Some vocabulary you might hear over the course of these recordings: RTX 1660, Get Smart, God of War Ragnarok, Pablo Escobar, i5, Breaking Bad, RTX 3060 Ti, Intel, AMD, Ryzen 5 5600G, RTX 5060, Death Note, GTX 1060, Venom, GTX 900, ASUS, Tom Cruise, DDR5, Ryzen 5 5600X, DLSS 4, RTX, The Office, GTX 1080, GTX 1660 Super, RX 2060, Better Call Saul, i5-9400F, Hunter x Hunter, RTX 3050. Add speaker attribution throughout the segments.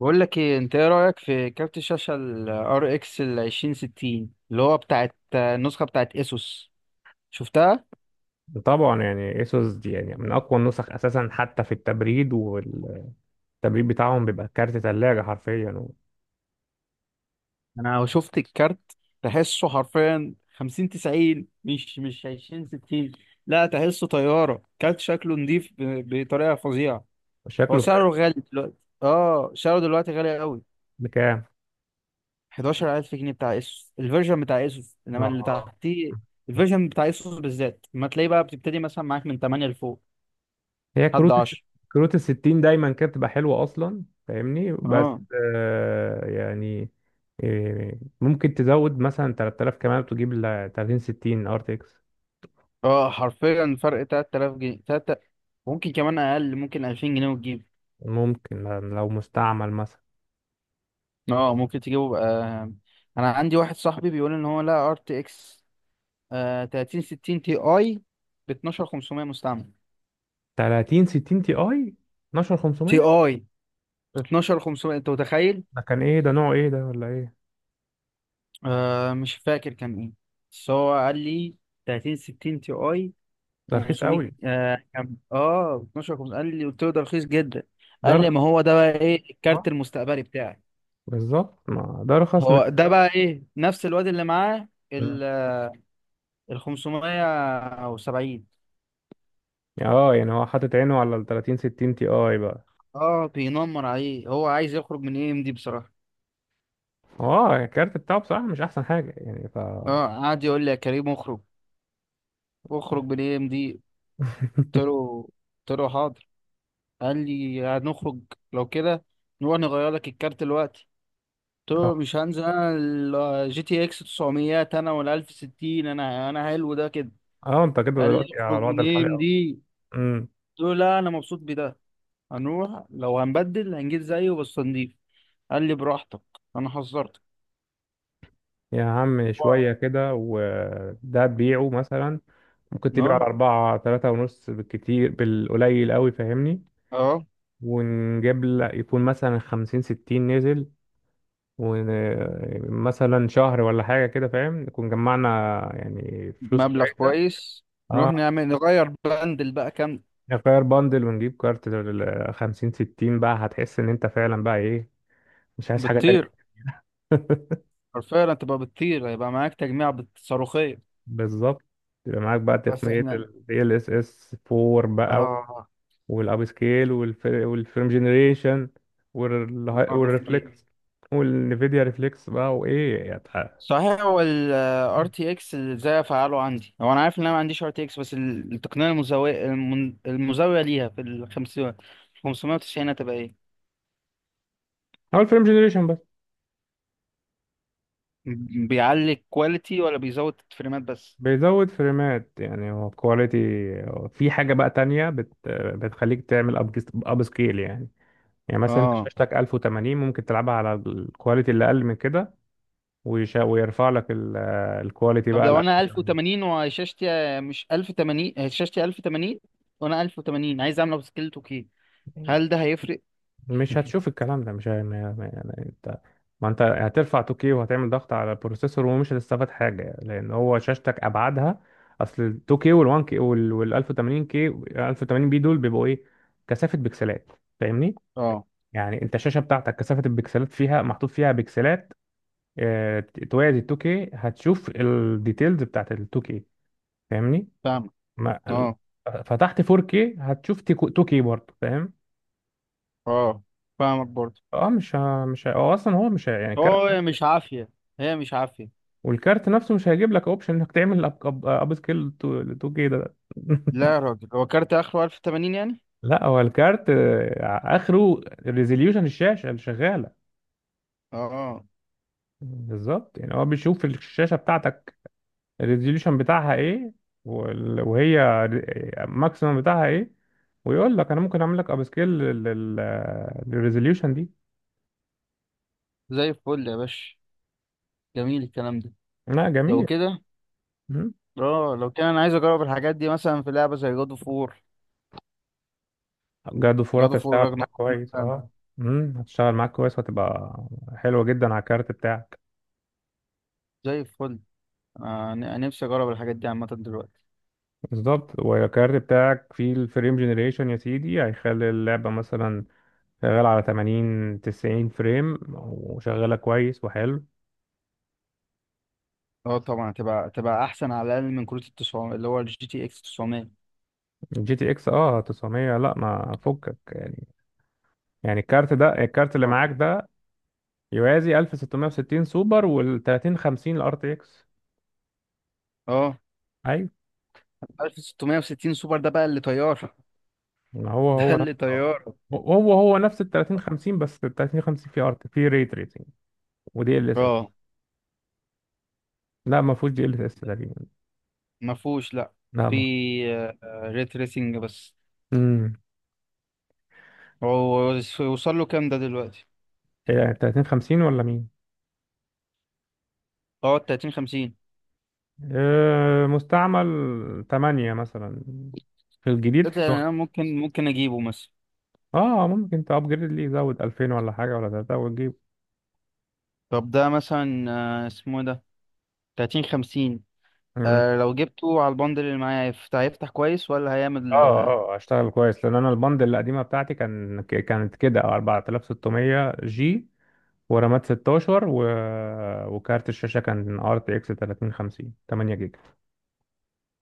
Speaker 1: بقول لك ايه، انت ايه رايك في كارت الشاشه ال RX ال 2060 اللي هو بتاعت النسخه بتاعت اسوس؟ شفتها؟
Speaker 2: طبعا ايسوس دي من اقوى النسخ اساسا حتى في التبريد بتاعهم بيبقى كارت ثلاجه حرفيا،
Speaker 1: انا شفت الكارت، تحسه حرفيا 50 90، مش 20 60. لا، تحسه طياره، كارت شكله نضيف بطريقه فظيعه. هو
Speaker 2: وشكله
Speaker 1: سعره
Speaker 2: فارق.
Speaker 1: غالي دلوقتي. اه، سعره دلوقتي غالي قوي.
Speaker 2: بكام؟
Speaker 1: 11,000 جنيه بتاع اسوس، الفيرجن بتاع اسوس، انما اللي
Speaker 2: اه،
Speaker 1: تحتيه، الفيرجن بتاع اسوس بالذات ما تلاقيه بقى، بتبتدي مثلا معاك من 8 لفوق
Speaker 2: هي
Speaker 1: لحد
Speaker 2: كروت الس-
Speaker 1: 10.
Speaker 2: كروت الستين دايما كانت بتبقى حلوه اصلا، فاهمني؟ بس
Speaker 1: اه،
Speaker 2: آه يعني ممكن تزود مثلا 3000 كمان وتجيب ل 30 60 ار تي اكس.
Speaker 1: اه، حرفيا فرق 3000 جنيه، تلاتة. ممكن كمان اقل، ممكن 2000 جنيه وتجيب.
Speaker 2: ممكن لو مستعمل مثلا
Speaker 1: اه، ممكن تجيبه بقى. انا عندي واحد صاحبي بيقول ان هو، لا، ار تي اكس 3060 تي اي ب 12,500 مستعمل.
Speaker 2: 30 60 تي اي
Speaker 1: تي
Speaker 2: 12500.
Speaker 1: اي ب 12,500، انت متخيل؟
Speaker 2: ده كان ايه ده، نوع ايه ده ولا ايه؟
Speaker 1: آه، مش فاكر كان ايه، بس هو قال لي 3060 تي اي.
Speaker 2: ده رخيص
Speaker 1: 500،
Speaker 2: قوي،
Speaker 1: ب 12,500 قال لي، قلت له ده رخيص جدا.
Speaker 2: ده
Speaker 1: قال لي
Speaker 2: رخيص.
Speaker 1: ما هو ده بقى ايه
Speaker 2: آه.
Speaker 1: الكارت المستقبلي بتاعي.
Speaker 2: بالظبط، ما ده ارخص من.
Speaker 1: هو ده بقى ايه، نفس الواد اللي معاه ال ال 500 او 70.
Speaker 2: اه يعني هو حاطط عينه على ال 30 60 تي اي بقى.
Speaker 1: اه، بينمر عليه، هو عايز يخرج من اي ام دي بصراحة.
Speaker 2: هو الكارت بتاعه بصراحة مش احسن حاجة يعني ف...
Speaker 1: اه، قعد يقول لي: يا كريم اخرج، اخرج من اي ام دي. قلت له قلت له حاضر. قال لي هنخرج، لو كده نروح نغير لك الكارت دلوقتي. قلت له مش هنزل انا، الجي تي اكس 900 انا ولا 1060 انا حلو ده كده.
Speaker 2: اه، انت كده
Speaker 1: قال لي
Speaker 2: دلوقتي على
Speaker 1: اخرج من
Speaker 2: الوضع
Speaker 1: اي
Speaker 2: الحالي،
Speaker 1: ام
Speaker 2: اه.
Speaker 1: دي.
Speaker 2: امم،
Speaker 1: قلت له لا، انا مبسوط بده، هنروح لو هنبدل هنجيب زيه بس نضيف. قال لي براحتك، انا حذرتك.
Speaker 2: يا عم
Speaker 1: هو-
Speaker 2: شوية كده وده تبيعه مثلا، ممكن تبيعه
Speaker 1: اه،
Speaker 2: على أربعة تلاتة ونص بالكتير، بالقليل قوي فاهمني.
Speaker 1: اه،
Speaker 2: ونجيب لك يكون مثلا خمسين ستين نزل، ومثلا شهر ولا حاجة كده فاهم، نكون جمعنا يعني فلوس
Speaker 1: مبلغ
Speaker 2: كويسة.
Speaker 1: كويس. نروح
Speaker 2: اه،
Speaker 1: نعمل نغير بندل بقى كام؟
Speaker 2: نغير باندل ونجيب كارت لل 50 60 بقى، هتحس ان انت فعلا بقى ايه، مش عايز حاجة تانية.
Speaker 1: بتطير، حرفيا تبقى بتطير، هيبقى معاك تجميع صاروخية.
Speaker 2: بالظبط، يبقى معاك بقى
Speaker 1: بس
Speaker 2: تقنية
Speaker 1: احنا،
Speaker 2: ال DLSS 4 بقى،
Speaker 1: اه،
Speaker 2: والاب سكيل والفيلم جنريشن
Speaker 1: اه، بسكيت.
Speaker 2: والريفلكس والنفيديا ريفلكس بقى، وايه يعني.
Speaker 1: صحيح، هو ال RTX ازاي افعله عندي؟ هو انا عارف ان انا ما عنديش RTX، بس التقنية المزاوية المزاوية ليها في ال 50 590 هتبقى ايه؟
Speaker 2: هو الفيلم جنريشن بس
Speaker 1: بيعلي الكواليتي ولا بيزود الفريمات بس؟
Speaker 2: بيزود فريمات، يعني هو كواليتي. في حاجة بقى تانية بتخليك تعمل اب سكيل يعني. يعني مثلا انت
Speaker 1: اه.
Speaker 2: شاشتك 1080، ممكن تلعبها على الكواليتي اللي اقل من كده، ويرفع لك الكواليتي
Speaker 1: طب
Speaker 2: بقى ل
Speaker 1: لو انا
Speaker 2: 1080.
Speaker 1: 1080 وشاشتي، مش 1080، شاشتي 1080، وانا 1080 عايز اعمل سكيل 2K، هل ده هيفرق؟
Speaker 2: مش هتشوف الكلام ده، مش ه- ما- ما- يعني انت، ما انت هترفع 2K وهتعمل ضغط على البروسيسور ومش هتستفاد حاجة، لان هو شاشتك ابعادها. اصل ال 2K وال 1K وال 1080K 1080 بي دول بيبقوا ايه، كثافة بكسلات، فاهمني.
Speaker 1: اه،
Speaker 2: يعني انت الشاشة بتاعتك كثافة البكسلات فيها، محطوط فيها بكسلات. اه، توازي ال 2K هتشوف الديتيلز بتاعت ال 2K، فاهمني.
Speaker 1: فاهمك.
Speaker 2: ما ال-
Speaker 1: اه،
Speaker 2: فتحت 4K هتشوف 2K برضه، فاهم؟
Speaker 1: اه، فاهمك برضه.
Speaker 2: اه، مش ه... مش ه... هو اصلا هو مش ه... يعني كارت.
Speaker 1: هو، هي مش عافية، هي مش عافية.
Speaker 2: والكارت نفسه مش هيجيب لك اوبشن انك تعمل أب سكيل 2K ده.
Speaker 1: لا يا راجل، هو كارت اخره 1080 يعني؟
Speaker 2: لا، هو الكارت آه، اخره ريزوليوشن الشاشه اللي شغاله.
Speaker 1: اه،
Speaker 2: بالظبط، يعني هو بيشوف الشاشه بتاعتك الريزوليوشن بتاعها ايه، وهي الماكسيمم بتاعها ايه، ويقول لك انا ممكن اعمل لك اب سكيل للريزوليوشن دي.
Speaker 1: زي الفل يا باشا، جميل الكلام ده.
Speaker 2: لا
Speaker 1: لو
Speaker 2: جميل.
Speaker 1: كده، اه، لو كده انا عايز اجرب الحاجات دي مثلا في لعبة زي جادو فور،
Speaker 2: جاله فرصة،
Speaker 1: جادو فور
Speaker 2: هتشتغل معاك
Speaker 1: راجناروك
Speaker 2: كويس
Speaker 1: مثلا.
Speaker 2: اه. امم، هتشتغل معاك كويس وهتبقى حلوة جدا على الكارت بتاعك.
Speaker 1: زي الفل، انا نفسي اجرب الحاجات دي عامة دلوقتي.
Speaker 2: بالظبط، والكارت بتاعك فيه الفريم جنريشن يا سيدي، هيخلي اللعبة مثلا شغال على 80 90 فريم وشغالة كويس وحلو.
Speaker 1: اه، طبعا هتبقى احسن، على الاقل من كروت ال 900، اللي هو الجي تي اكس 900.
Speaker 2: جي تي اكس اه 900، لا ما فكك يعني. يعني الكارت ده، الكارت اللي
Speaker 1: اه،
Speaker 2: معاك ده يوازي 1660 سوبر وال 30 50 الار تي اكس.
Speaker 1: اه، 1660 سوبر ده بقى اللي طيار.
Speaker 2: ما هو
Speaker 1: ده
Speaker 2: نفس
Speaker 1: اللي
Speaker 2: آه.
Speaker 1: طيار.
Speaker 2: هو نفس ال 30 50، بس ال 30 50 في ارت في ري تريسنج ودي ال اس اس.
Speaker 1: اه،
Speaker 2: لا ما فيهوش دي ال اس اس تقريبا.
Speaker 1: ما فيهوش، لا،
Speaker 2: لا
Speaker 1: في
Speaker 2: ما
Speaker 1: ريت ريسنج بس.
Speaker 2: امم.
Speaker 1: هو وصل له كام ده دلوقتي؟
Speaker 2: إيه 30 50 ولا مين؟
Speaker 1: اه، 30 50.
Speaker 2: آه مستعمل 8 مثلا، في الجديد
Speaker 1: قلت يعني انا
Speaker 2: 11.
Speaker 1: ممكن اجيبه مثلا.
Speaker 2: اه ممكن تابجريد ليه، يزود 2000 ولا حاجه ولا 3 وتجيب.
Speaker 1: طب ده مثلا، اسمه إيه ده، 30 50.
Speaker 2: مم.
Speaker 1: لو جبته على البندل اللي معايا هيفتح كويس ولا هيعمل
Speaker 2: اه، اه اشتغل كويس، لان انا البند القديمه بتاعتي كانت كده 4600 جي، ورامات 16 و... وكارت الشاشة كان ار تي اكس 3050 8 جيجا.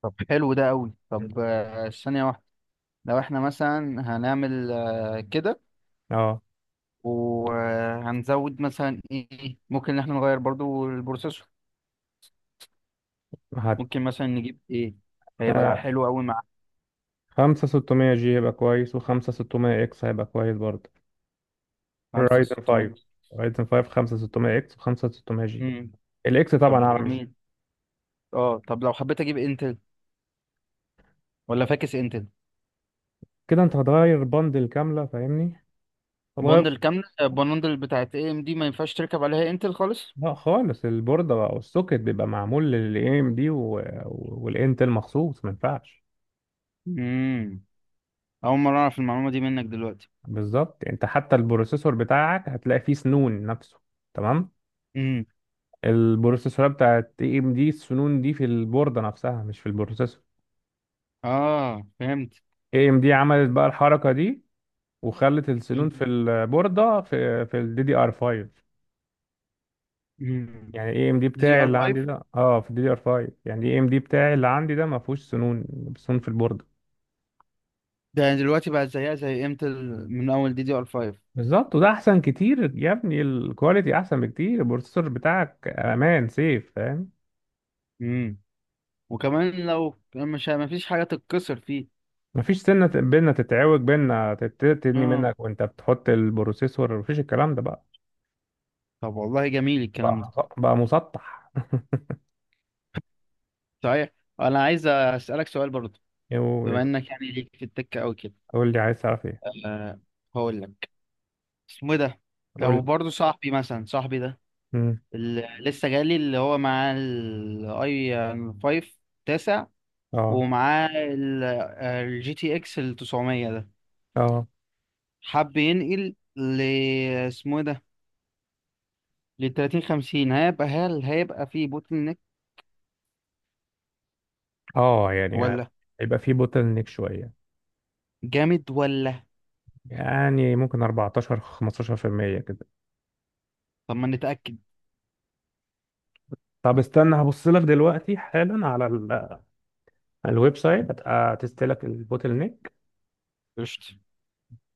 Speaker 1: طب حلو ده قوي.
Speaker 2: مم.
Speaker 1: طب، ثانية واحدة، لو احنا مثلا هنعمل كده،
Speaker 2: اه
Speaker 1: وهنزود مثلا ايه؟ ممكن ان احنا نغير برضو البروسيسور؟
Speaker 2: هت
Speaker 1: ممكن مثلا نجيب ايه هيبقى
Speaker 2: آه،
Speaker 1: حلو قوي مع
Speaker 2: خمسة 600 جي هيبقى كويس وخمسة 600 اكس هيبقى كويس برضه.
Speaker 1: خمسة
Speaker 2: رايزن
Speaker 1: ستمية
Speaker 2: 5، رايزن 5 خمسة 600 اكس وخمسة 600 جي،
Speaker 1: امم.
Speaker 2: الاكس
Speaker 1: طب
Speaker 2: طبعا
Speaker 1: ده
Speaker 2: اعلى من الجي.
Speaker 1: جميل. اه، طب لو حبيت اجيب انتل ولا فاكس انتل؟
Speaker 2: كده انت هتغير بندل كاملة فاهمني، هتغير.
Speaker 1: بوندل كاملة، البوندل بتاعت اي ام دي ما ينفعش تركب عليها انتل خالص.
Speaker 2: لا خالص، البوردة بقى والسوكت بيبقى معمول للاي ام دي، والانتل مخصوص ما ينفعش.
Speaker 1: امم، اول مرة اعرف المعلومة دي منك دلوقتي.
Speaker 2: بالظبط، انت حتى البروسيسور بتاعك هتلاقي فيه سنون نفسه، تمام.
Speaker 1: امم.
Speaker 2: البروسيسورات بتاعت اي ام دي السنون دي في البوردة نفسها، مش في البروسيسور.
Speaker 1: اه، فهمت.
Speaker 2: اي ام دي عملت بقى الحركة دي، وخلت السنون في البوردة في الدي دي ار 5.
Speaker 1: امم،
Speaker 2: يعني اي ام دي
Speaker 1: دي دي
Speaker 2: بتاعي
Speaker 1: ار
Speaker 2: اللي اه عندي
Speaker 1: 5،
Speaker 2: ده، اه في الدي دي ار 5، يعني اي ام دي بتاعي اللي عندي ده ما فيهوش سنون، سنون في البوردة.
Speaker 1: ده دلوقتي بقى زيها زي انتل من اول دي دي ار 5.
Speaker 2: بالظبط، وده احسن كتير يا ابني، الكواليتي احسن بكتير، البروسيسور بتاعك امان سيف، فاهم؟
Speaker 1: امم. وكمان لو مش، ما فيش حاجة تتكسر فيه.
Speaker 2: مفيش سنة بينا تتعوج بينا تدني
Speaker 1: اه،
Speaker 2: منك وانت بتحط البروسيسور، مفيش الكلام ده بقى.
Speaker 1: طب والله جميل الكلام
Speaker 2: بقى
Speaker 1: ده.
Speaker 2: بقى مسطح.
Speaker 1: صحيح، انا عايز اسألك سؤال برضه،
Speaker 2: يو-
Speaker 1: بما انك يعني ليك في التكة او كده.
Speaker 2: قول لي عايز تعرف ايه،
Speaker 1: أه، هقول لك، اسمه إيه ده، لو
Speaker 2: قول.
Speaker 1: برضه صاحبي مثلا، صاحبي ده
Speaker 2: امم،
Speaker 1: اللي لسه جالي، اللي هو معاه الاي 5 تاسع،
Speaker 2: اه،
Speaker 1: ومعاه الجي تي اكس ال 900 ده،
Speaker 2: اه.
Speaker 1: حب ينقل ل، اسمه إيه ده، لل 30 50، هل هيبقى فيه بوتل نيك
Speaker 2: اه يعني،
Speaker 1: ولا؟
Speaker 2: هيبقى في بوتل نيك شويه،
Speaker 1: جامد ولا؟
Speaker 2: يعني ممكن 14 15% كده.
Speaker 1: طب ما نتأكد.
Speaker 2: طب استنى هبص لك دلوقتي حالا على الويب سايت، هتبقى تستلك البوتل نيك.
Speaker 1: قشطة،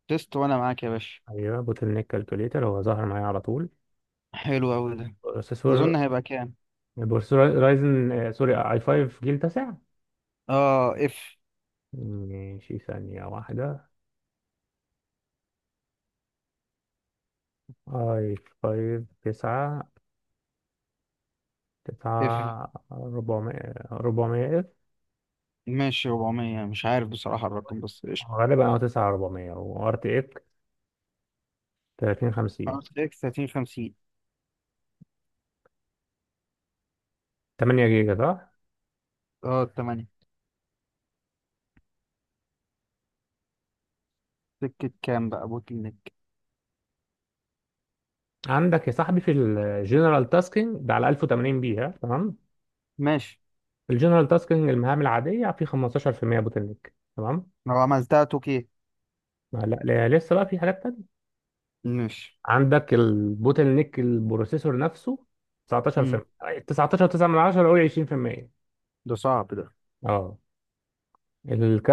Speaker 1: تيست وانا معاك يا باشا.
Speaker 2: ايوه، بوتل نيك كالكوليتر هو ظهر معايا على طول.
Speaker 1: حلو اوي ده. تظن
Speaker 2: بروسيسور،
Speaker 1: هيبقى كام؟
Speaker 2: رايزن آه، سوري اي 5 جيل تاسع.
Speaker 1: اه، اف
Speaker 2: ماشي، ثانية واحدة. اي 5 9،
Speaker 1: اف
Speaker 2: تسعة ربعمية، ربعمية اف.
Speaker 1: ماشي، 400، مش عارف بصراحة الرقم، بس قشطة.
Speaker 2: غالبا أو تسعة ربعمية وار تي اك، تلاتين خمسين،
Speaker 1: اه، 30 50.
Speaker 2: تمانية جيجا صح؟
Speaker 1: اه، 8. سكة كام بقى بوتل نيك؟
Speaker 2: عندك يا صاحبي في الجنرال تاسكينج ده على ألف وتمانين بي ها، تمام؟
Speaker 1: ماشي.
Speaker 2: الجنرال تاسكينج المهام العادية في خمستاشر في المية بوتل نيك، تمام؟
Speaker 1: لو عملتها توكي.
Speaker 2: لا لا، لسه بقى في حاجات تانية.
Speaker 1: ماشي.
Speaker 2: عندك البوتل نيك البروسيسور نفسه 19
Speaker 1: امم،
Speaker 2: في 19، 9 من 10، قول 20%.
Speaker 1: ده صعب ده.
Speaker 2: اه،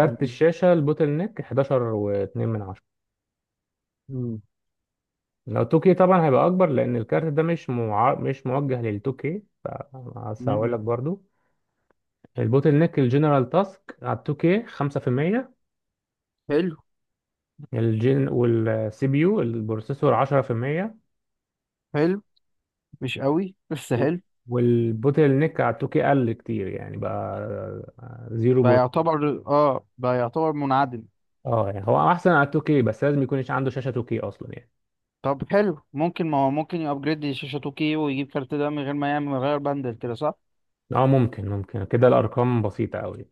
Speaker 1: مم.
Speaker 2: الشاشة البوتل نيك 11 و2 من 10.
Speaker 1: مم.
Speaker 2: لو 2K طبعا هيبقى اكبر، لان الكارت ده مش موجه لل 2K. بس
Speaker 1: مم.
Speaker 2: هقول لك مم، برضو البوتل نيك الجنرال تاسك على ال 2K 5%.
Speaker 1: حلو.
Speaker 2: الجن والسي بي يو البروسيسور 10%.
Speaker 1: حلو، مش قوي بس حلو.
Speaker 2: والبوتل نيك على ال 2K قل كتير يعني بقى
Speaker 1: بقى
Speaker 2: 0.
Speaker 1: يعتبر، منعدم.
Speaker 2: اه يعني هو احسن على ال 2K، بس لازم يكون عنده شاشة 2K اصلا يعني.
Speaker 1: طب حلو، ممكن، ما هو ممكن يابجريد شاشة 2K ويجيب كارت ده من غير ما يعمل، من غير بندل، كده صح؟
Speaker 2: اه ممكن، كده الارقام بسيطة قوي،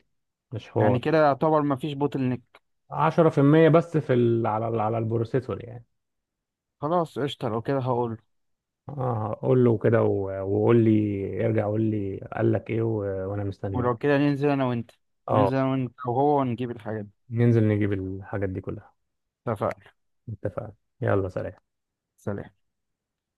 Speaker 2: مش حوار.
Speaker 1: يعني كده يعتبر ما فيش بوتل نيك.
Speaker 2: 10% بس في ال... على البروسيسور يعني.
Speaker 1: خلاص، قشطة، لو كده هقول.
Speaker 2: اه قول له كده وقول لي ارجع، قول لي قال لك ايه، وانا
Speaker 1: ولو
Speaker 2: مستنيه.
Speaker 1: كده
Speaker 2: اه،
Speaker 1: ننزل انا وانت وهو، ونجيب الحاجات دي.
Speaker 2: ننزل نجيب الحاجات دي كلها.
Speaker 1: اتفقنا.
Speaker 2: اتفقنا. يلا سلام.
Speaker 1: سلام.